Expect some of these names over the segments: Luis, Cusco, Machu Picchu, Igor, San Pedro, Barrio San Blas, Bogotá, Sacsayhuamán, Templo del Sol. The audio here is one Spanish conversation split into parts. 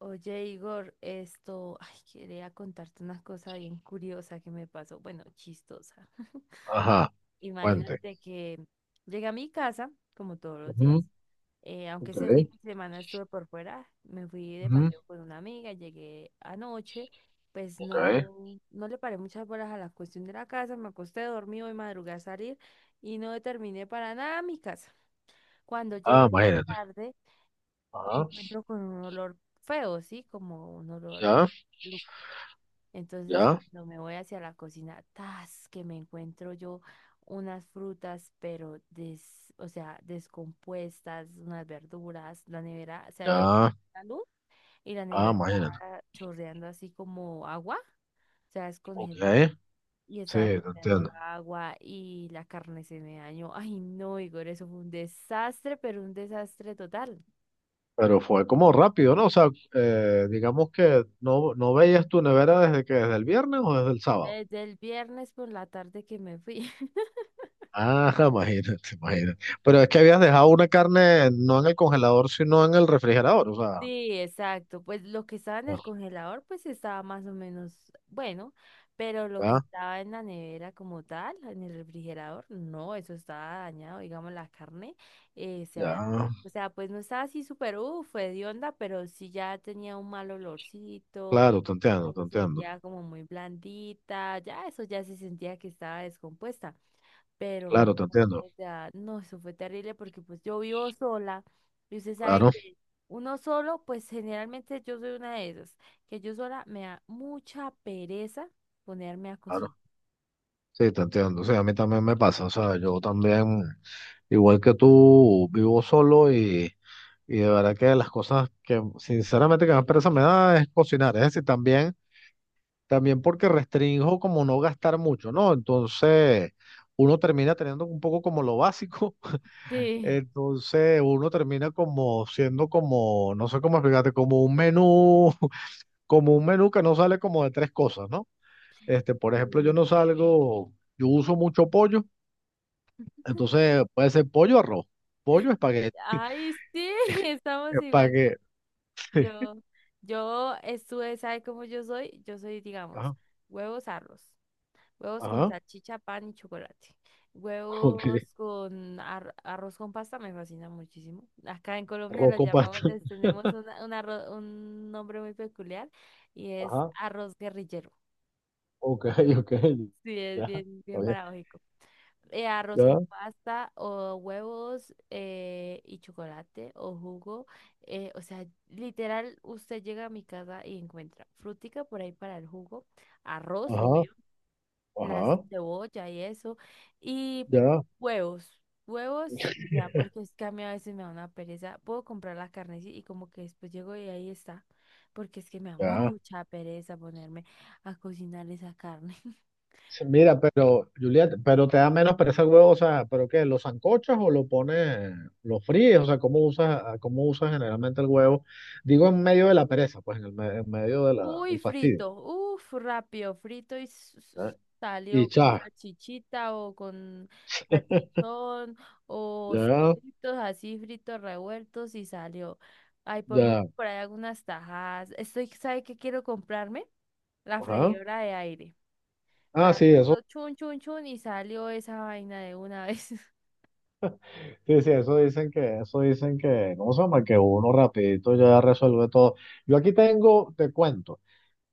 Oye, Igor, quería contarte una cosa bien curiosa que me pasó, bueno, chistosa. Ajá, puente. Imagínate que llegué a mi casa, como todos los días. Ujú, Aunque ok, ese fin de semana estuve por fuera, me fui de ujú, paseo con una amiga, llegué anoche, pues ok. no le paré muchas horas a la cuestión de la casa, me acosté, dormí, hoy madrugué a salir y no terminé para nada mi casa. Cuando llego Ah, esta imagínate. tarde, me Ajá, encuentro con un olor feo, ¿sí? Como un olor ya, maluco. Entonces, ya, cuando me voy hacia la cocina, tas, que me encuentro yo unas frutas, pero o sea, descompuestas, unas verduras, la nevera se ha ido ya. la luz y la Ah, nevera imagínate. está chorreando así como agua, o sea, Ok, descongelado. Y sí, estaba te chorreando entiendo. agua y la carne se me dañó. Ay, no, Igor, eso fue un desastre, pero un desastre total. Pero fue como rápido, ¿no? O sea, digamos que no veías tu nevera desde el viernes o desde el sábado. Desde el viernes por la tarde que me fui. Ah, imagínate, imagínate. Pero es que habías dejado una carne no en el congelador, sino en el refrigerador. O sea, Sí, exacto. Pues lo que estaba en el bueno, congelador, pues estaba más o menos bueno, pero lo que ya, estaba en la nevera como tal, en el refrigerador, no, eso estaba dañado, digamos, la carne, eh, se había- ya. o sea, pues no estaba así súper, uff, hedionda, pero sí ya tenía un mal olorcito, Claro, te ya entiendo, te se entiendo. sentía como muy blandita, ya eso ya se sentía que estaba descompuesta. Pero Claro, no, te entiendo. o sea, no, eso fue terrible porque pues yo vivo sola y usted sabe Claro, que uno solo, pues generalmente yo soy una de esas, que yo sola me da mucha pereza ponerme a claro. cocinar. Sí, te entiendo. Sí, a mí también me pasa. O sea, yo también, igual que tú, vivo solo y de verdad que las cosas que sinceramente que más pereza me da es cocinar. Es decir, también porque restringo como no gastar mucho, ¿no? Entonces, uno termina teniendo un poco como lo básico. Sí. Entonces, uno termina como siendo como, no sé cómo explicarte, como un menú que no sale como de tres cosas, ¿no? Por Sí. ejemplo, yo no salgo, yo uso mucho pollo. Entonces puede ser pollo o arroz. Pollo, espagueti, Ay, sí, estamos igual. espagueti. Yo, yo estuve, ¿sabe cómo yo soy? Yo soy, digamos, Ajá, huevos, arroz. Huevos con ajá, salchicha, pan y chocolate. ok. Huevos con arroz con pasta me fascina muchísimo. Acá en Colombia Arroz lo con llamamos, pasta. les tenemos un nombre muy peculiar y es Ajá, arroz guerrillero. ok, ok. Sí, es Ya, bien, está bien bien, paradójico. Arroz ya, con pasta o huevos y chocolate o jugo. O sea, literal, usted llega a mi casa y encuentra frutica por ahí para el jugo, arroz, ajá, obvio las ajá, cebolla y eso, y ya, huevos, y ya, porque es que a mí a veces me da una pereza, puedo comprar la carne sí, y como que después llego y ahí está, porque es que me da ya. mucha pereza ponerme a cocinar esa carne. Sí, mira, pero, Juliet, pero te da menos pereza el huevo, o sea, ¿pero qué? Lo sancochas o lo pones, lo fríes? O sea, ¿cómo usas, cómo usas generalmente el huevo? Digo, en medio de la pereza, pues, en el en medio de la, Uy, del fastidio. frito, uf, rápido, frito y ¿Ya? Y salió con ya, salchichita o con salchichón o ya, solitos así fritos revueltos y salió. Ay, por mucho ya, por ahí algunas tajadas. Estoy, ¿sabe qué quiero comprarme? La ajá. freidora de aire. Ah, Para sí, eso, cuando chun, chun, chun y salió esa vaina de una vez. sí, sí, eso dicen que, ¿cómo se llama? Que uno rapidito ya resuelve todo. Yo aquí tengo, te cuento,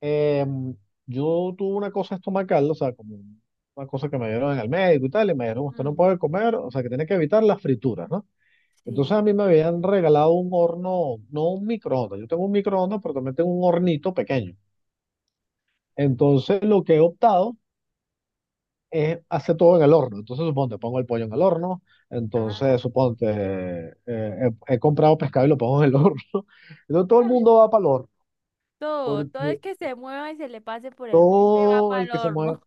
em, yo tuve una cosa estomacal, o sea, como una cosa que me dieron en el médico y tal, y me dijeron, usted no Mm, puede comer, o sea, que tiene que evitar las frituras, ¿no? Entonces sí. a mí me habían regalado un horno, no un microondas, yo tengo un microondas, pero también tengo un hornito pequeño. Entonces lo que he optado hace todo en el horno. Entonces, suponte, pongo el pollo en el horno. Ah, Entonces, suponte, he comprado pescado y lo pongo en el horno. Entonces, todo el ah, mundo va para el horno. Todo Porque, el que se mueva y se le pase por el frente va o para el el que se mueve. horno.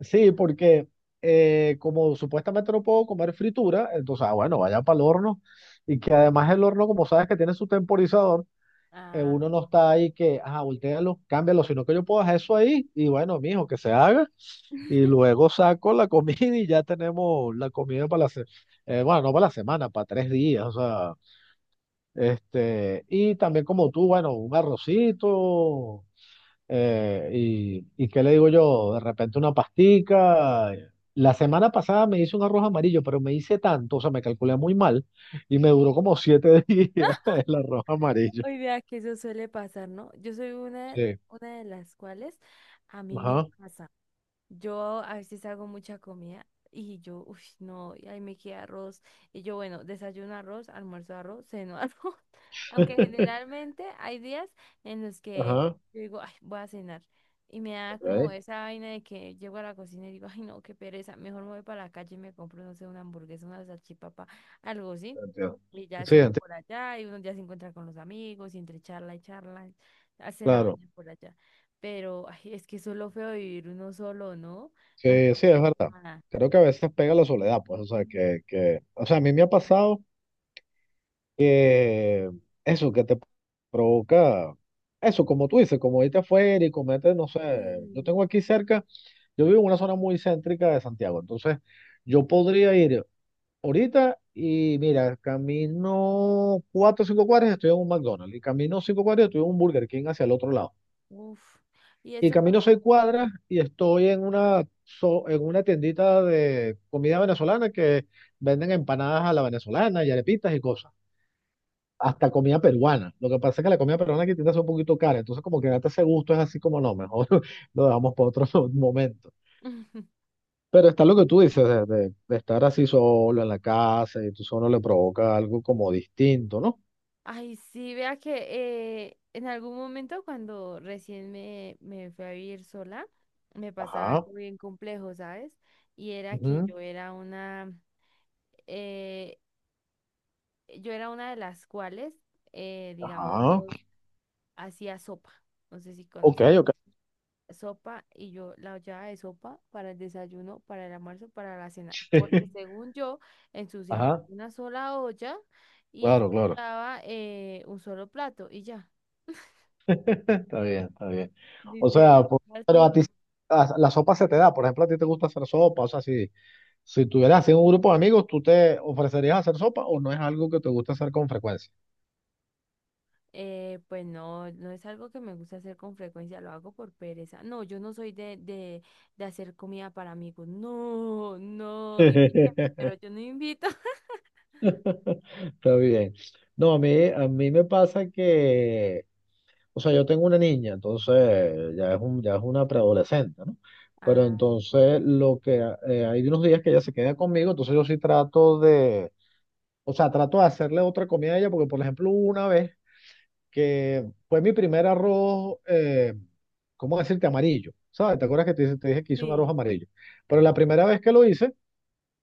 Sí, porque como supuestamente no puedo comer fritura, entonces, ah, bueno, vaya para el horno. Y que además el horno, como sabes que tiene su temporizador, Ah. uno no está ahí que, ah, voltéalo, cámbialo, sino que yo puedo hacer eso ahí y bueno, mijo, que se haga. Y luego saco la comida y ya tenemos la comida para la semana, bueno, no para la semana, para 3 días, o sea, y también como tú, bueno, un arrocito, qué le digo yo, de repente una pastica. La semana pasada me hice un arroz amarillo, pero me hice tanto, o sea, me calculé muy mal y me duró como 7 días el arroz amarillo. Hoy vea que eso suele pasar, ¿no? Yo soy Sí, una de las cuales a mí me ajá, pasa. Yo a veces hago mucha comida y yo, uff, no, y ahí me queda arroz. Y yo, bueno, desayuno arroz, almuerzo arroz, ceno arroz. Aunque generalmente hay días en los que ajá, yo digo, ay, voy a cenar. Y me da como ok, esa vaina de que llego a la cocina y digo, ay, no, qué pereza. Mejor me voy para la calle y me compro, no sé, una hamburguesa, una salchipapa, algo así. entiendo. Y ya Sí, ceno entiendo, por allá y uno ya se encuentra con los amigos y entre charla y charla, hace la claro. mañana por allá. Pero ay, es que eso es lo feo de vivir uno solo, ¿no? Las Sí, sí, cosas. es verdad. Creo que a veces pega la soledad, pues, o sea, o sea, a mí me ha pasado eso que te provoca, eso, como tú dices, como irte afuera y comete, no sé, yo Sí. tengo aquí cerca, yo vivo en una zona muy céntrica de Santiago, entonces yo podría ir ahorita y mira, camino 4 o 5 cuadras y estoy en un McDonald's y camino 5 cuadras y estoy en un Burger King hacia el otro lado. Uf. Y Y eso es... camino 6 cuadras y estoy en una, en una tiendita de comida venezolana que venden empanadas a la venezolana y arepitas y cosas. Hasta comida peruana. Lo que pasa es que la comida peruana aquí tiende a ser un poquito cara. Entonces, como que date ese gusto es así como no, mejor lo dejamos para otro momento. Pero está lo que tú dices, de estar así solo en la casa y tú solo le provoca algo como distinto, ¿no? Ay, sí, vea que en algún momento cuando me fui a vivir sola, me pasaba Ajá. algo bien complejo, ¿sabes? Y era que Ujú, eh, yo era una de las cuales, ajá. digamos, hacía sopa. No sé si Ok, conoces. ok. Sopa y yo la olla de sopa para el desayuno, para el almuerzo, para la cena, porque según yo ensuciaba Ajá. una sola olla y Claro, claro. ensuciaba un solo plato y ya, Está bien, está bien. O literal, sea, pero a así. ti la sopa se te da. Por ejemplo, a ti te gusta hacer sopa. O sea, si tuvieras así un grupo de amigos, ¿tú te ofrecerías a hacer sopa o no es algo que te gusta hacer con frecuencia? Pues no, no es algo que me gusta hacer con frecuencia, lo hago por pereza. No, yo no soy de hacer comida para amigos. No, no, invítame, pero yo no invito. Está bien. No, a mí me pasa que, o sea, yo tengo una niña, entonces ya es un, ya es una preadolescente, ¿no? Pero Ah, entonces lo que hay unos días que ella se queda conmigo, entonces yo sí trato de, o sea, trato de hacerle otra comida a ella, porque por ejemplo, hubo una vez que fue mi primer arroz, ¿cómo decirte? Amarillo, ¿sabes? ¿Te acuerdas que te dije que hice un arroz sí. amarillo? Pero la primera vez que lo hice,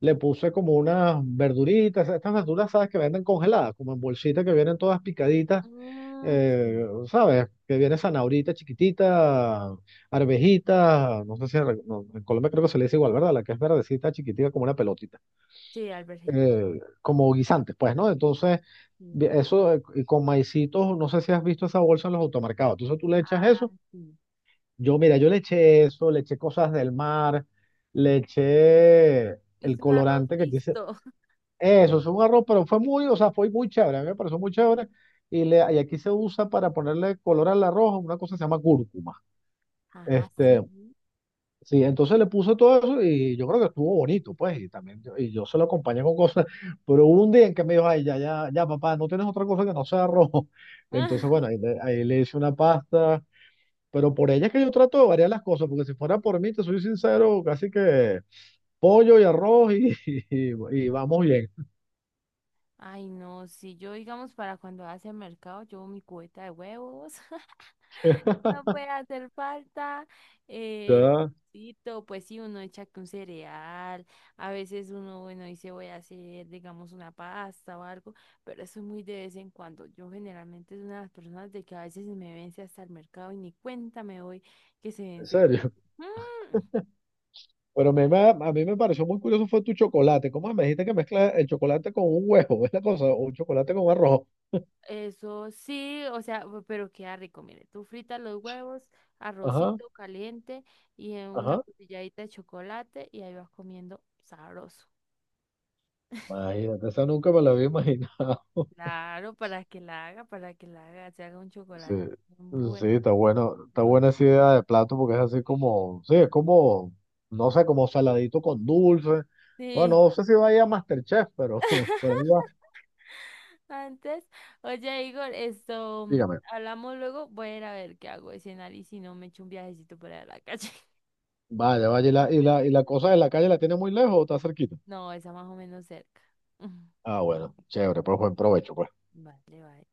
le puse como unas verduritas, estas verduras, ¿sabes? Que venden congeladas, como en bolsitas que vienen todas picaditas, Mm, sí. ¿Sabes? Que viene zanahorita chiquitita, arvejita, no sé si en, no, en Colombia creo que se le dice igual, ¿verdad? La que es verdecita, chiquitita, como una pelotita Sí, alberjita. Como guisantes, pues, ¿no? Entonces, Sí. Eso y con maicitos, no sé si has visto esa bolsa en los automercados. Entonces tú le echas Ah, eso. sí. Yo, mira, yo le eché eso, le eché cosas del mar, le eché el Hice un arroz colorante que quise. mixto. Eso es un arroz, pero fue muy, o sea, fue muy chévere, a mí me pareció muy chévere. Y aquí se usa para ponerle color al arroz una cosa que se llama cúrcuma. Ah, sí. Este, Sí, entonces le puso todo eso y yo creo que estuvo bonito, pues, y también yo, y yo se lo acompañé con cosas, pero hubo un día en que me dijo, ay, ya, ya, ya, papá, no tienes otra cosa que no sea arroz. Entonces, bueno, Ah, ahí le hice una pasta, pero por ella es que yo trato de variar las cosas, porque si fuera por mí, te soy sincero, casi que pollo y arroz y, y vamos bien. ay, no, si yo, digamos, para cuando hace el mercado, llevo mi cubeta de huevos. No puede hacer falta. El Ya, arrocito, pues sí, uno echa que un cereal. A veces uno, bueno, dice voy a hacer, digamos, una pasta o algo, pero eso es muy de vez en cuando. Yo generalmente es una de las personas de que a veces se me vence hasta el mercado y ni cuenta me doy que se en venció. serio. Mm, Pero a mí me pareció muy curioso fue tu chocolate. ¿Cómo me dijiste que mezclas el chocolate con un huevo? Es la cosa, o un chocolate con arroz. eso sí, o sea, pero queda rico, mire, tú fritas los huevos, Ajá, arrocito caliente y en una ajá. puntilladita de chocolate y ahí vas comiendo sabroso. Imagínate, esa nunca me la había imaginado. Claro, para que la haga, para que la haga, se haga un Sí, chocolate. sí, Bueno, está bueno, está sabroso. buena esa idea de plato porque es así como, sí, es como, no sé, como saladito con dulce. Sí. Bueno, no sé si vaya a MasterChef, pero por ahí va. Antes, oye, Igor, Dígame, hablamos luego, voy a ir a ver qué hago de cenar y si no me echo un viajecito por ahí a la calle. vaya, vaya, ¿y Ya la, está como y la cosa tarde. de la calle la tiene muy lejos o está cerquita? No, está más o menos cerca. Ah, bueno, chévere, pues buen provecho, pues. Vale, vale.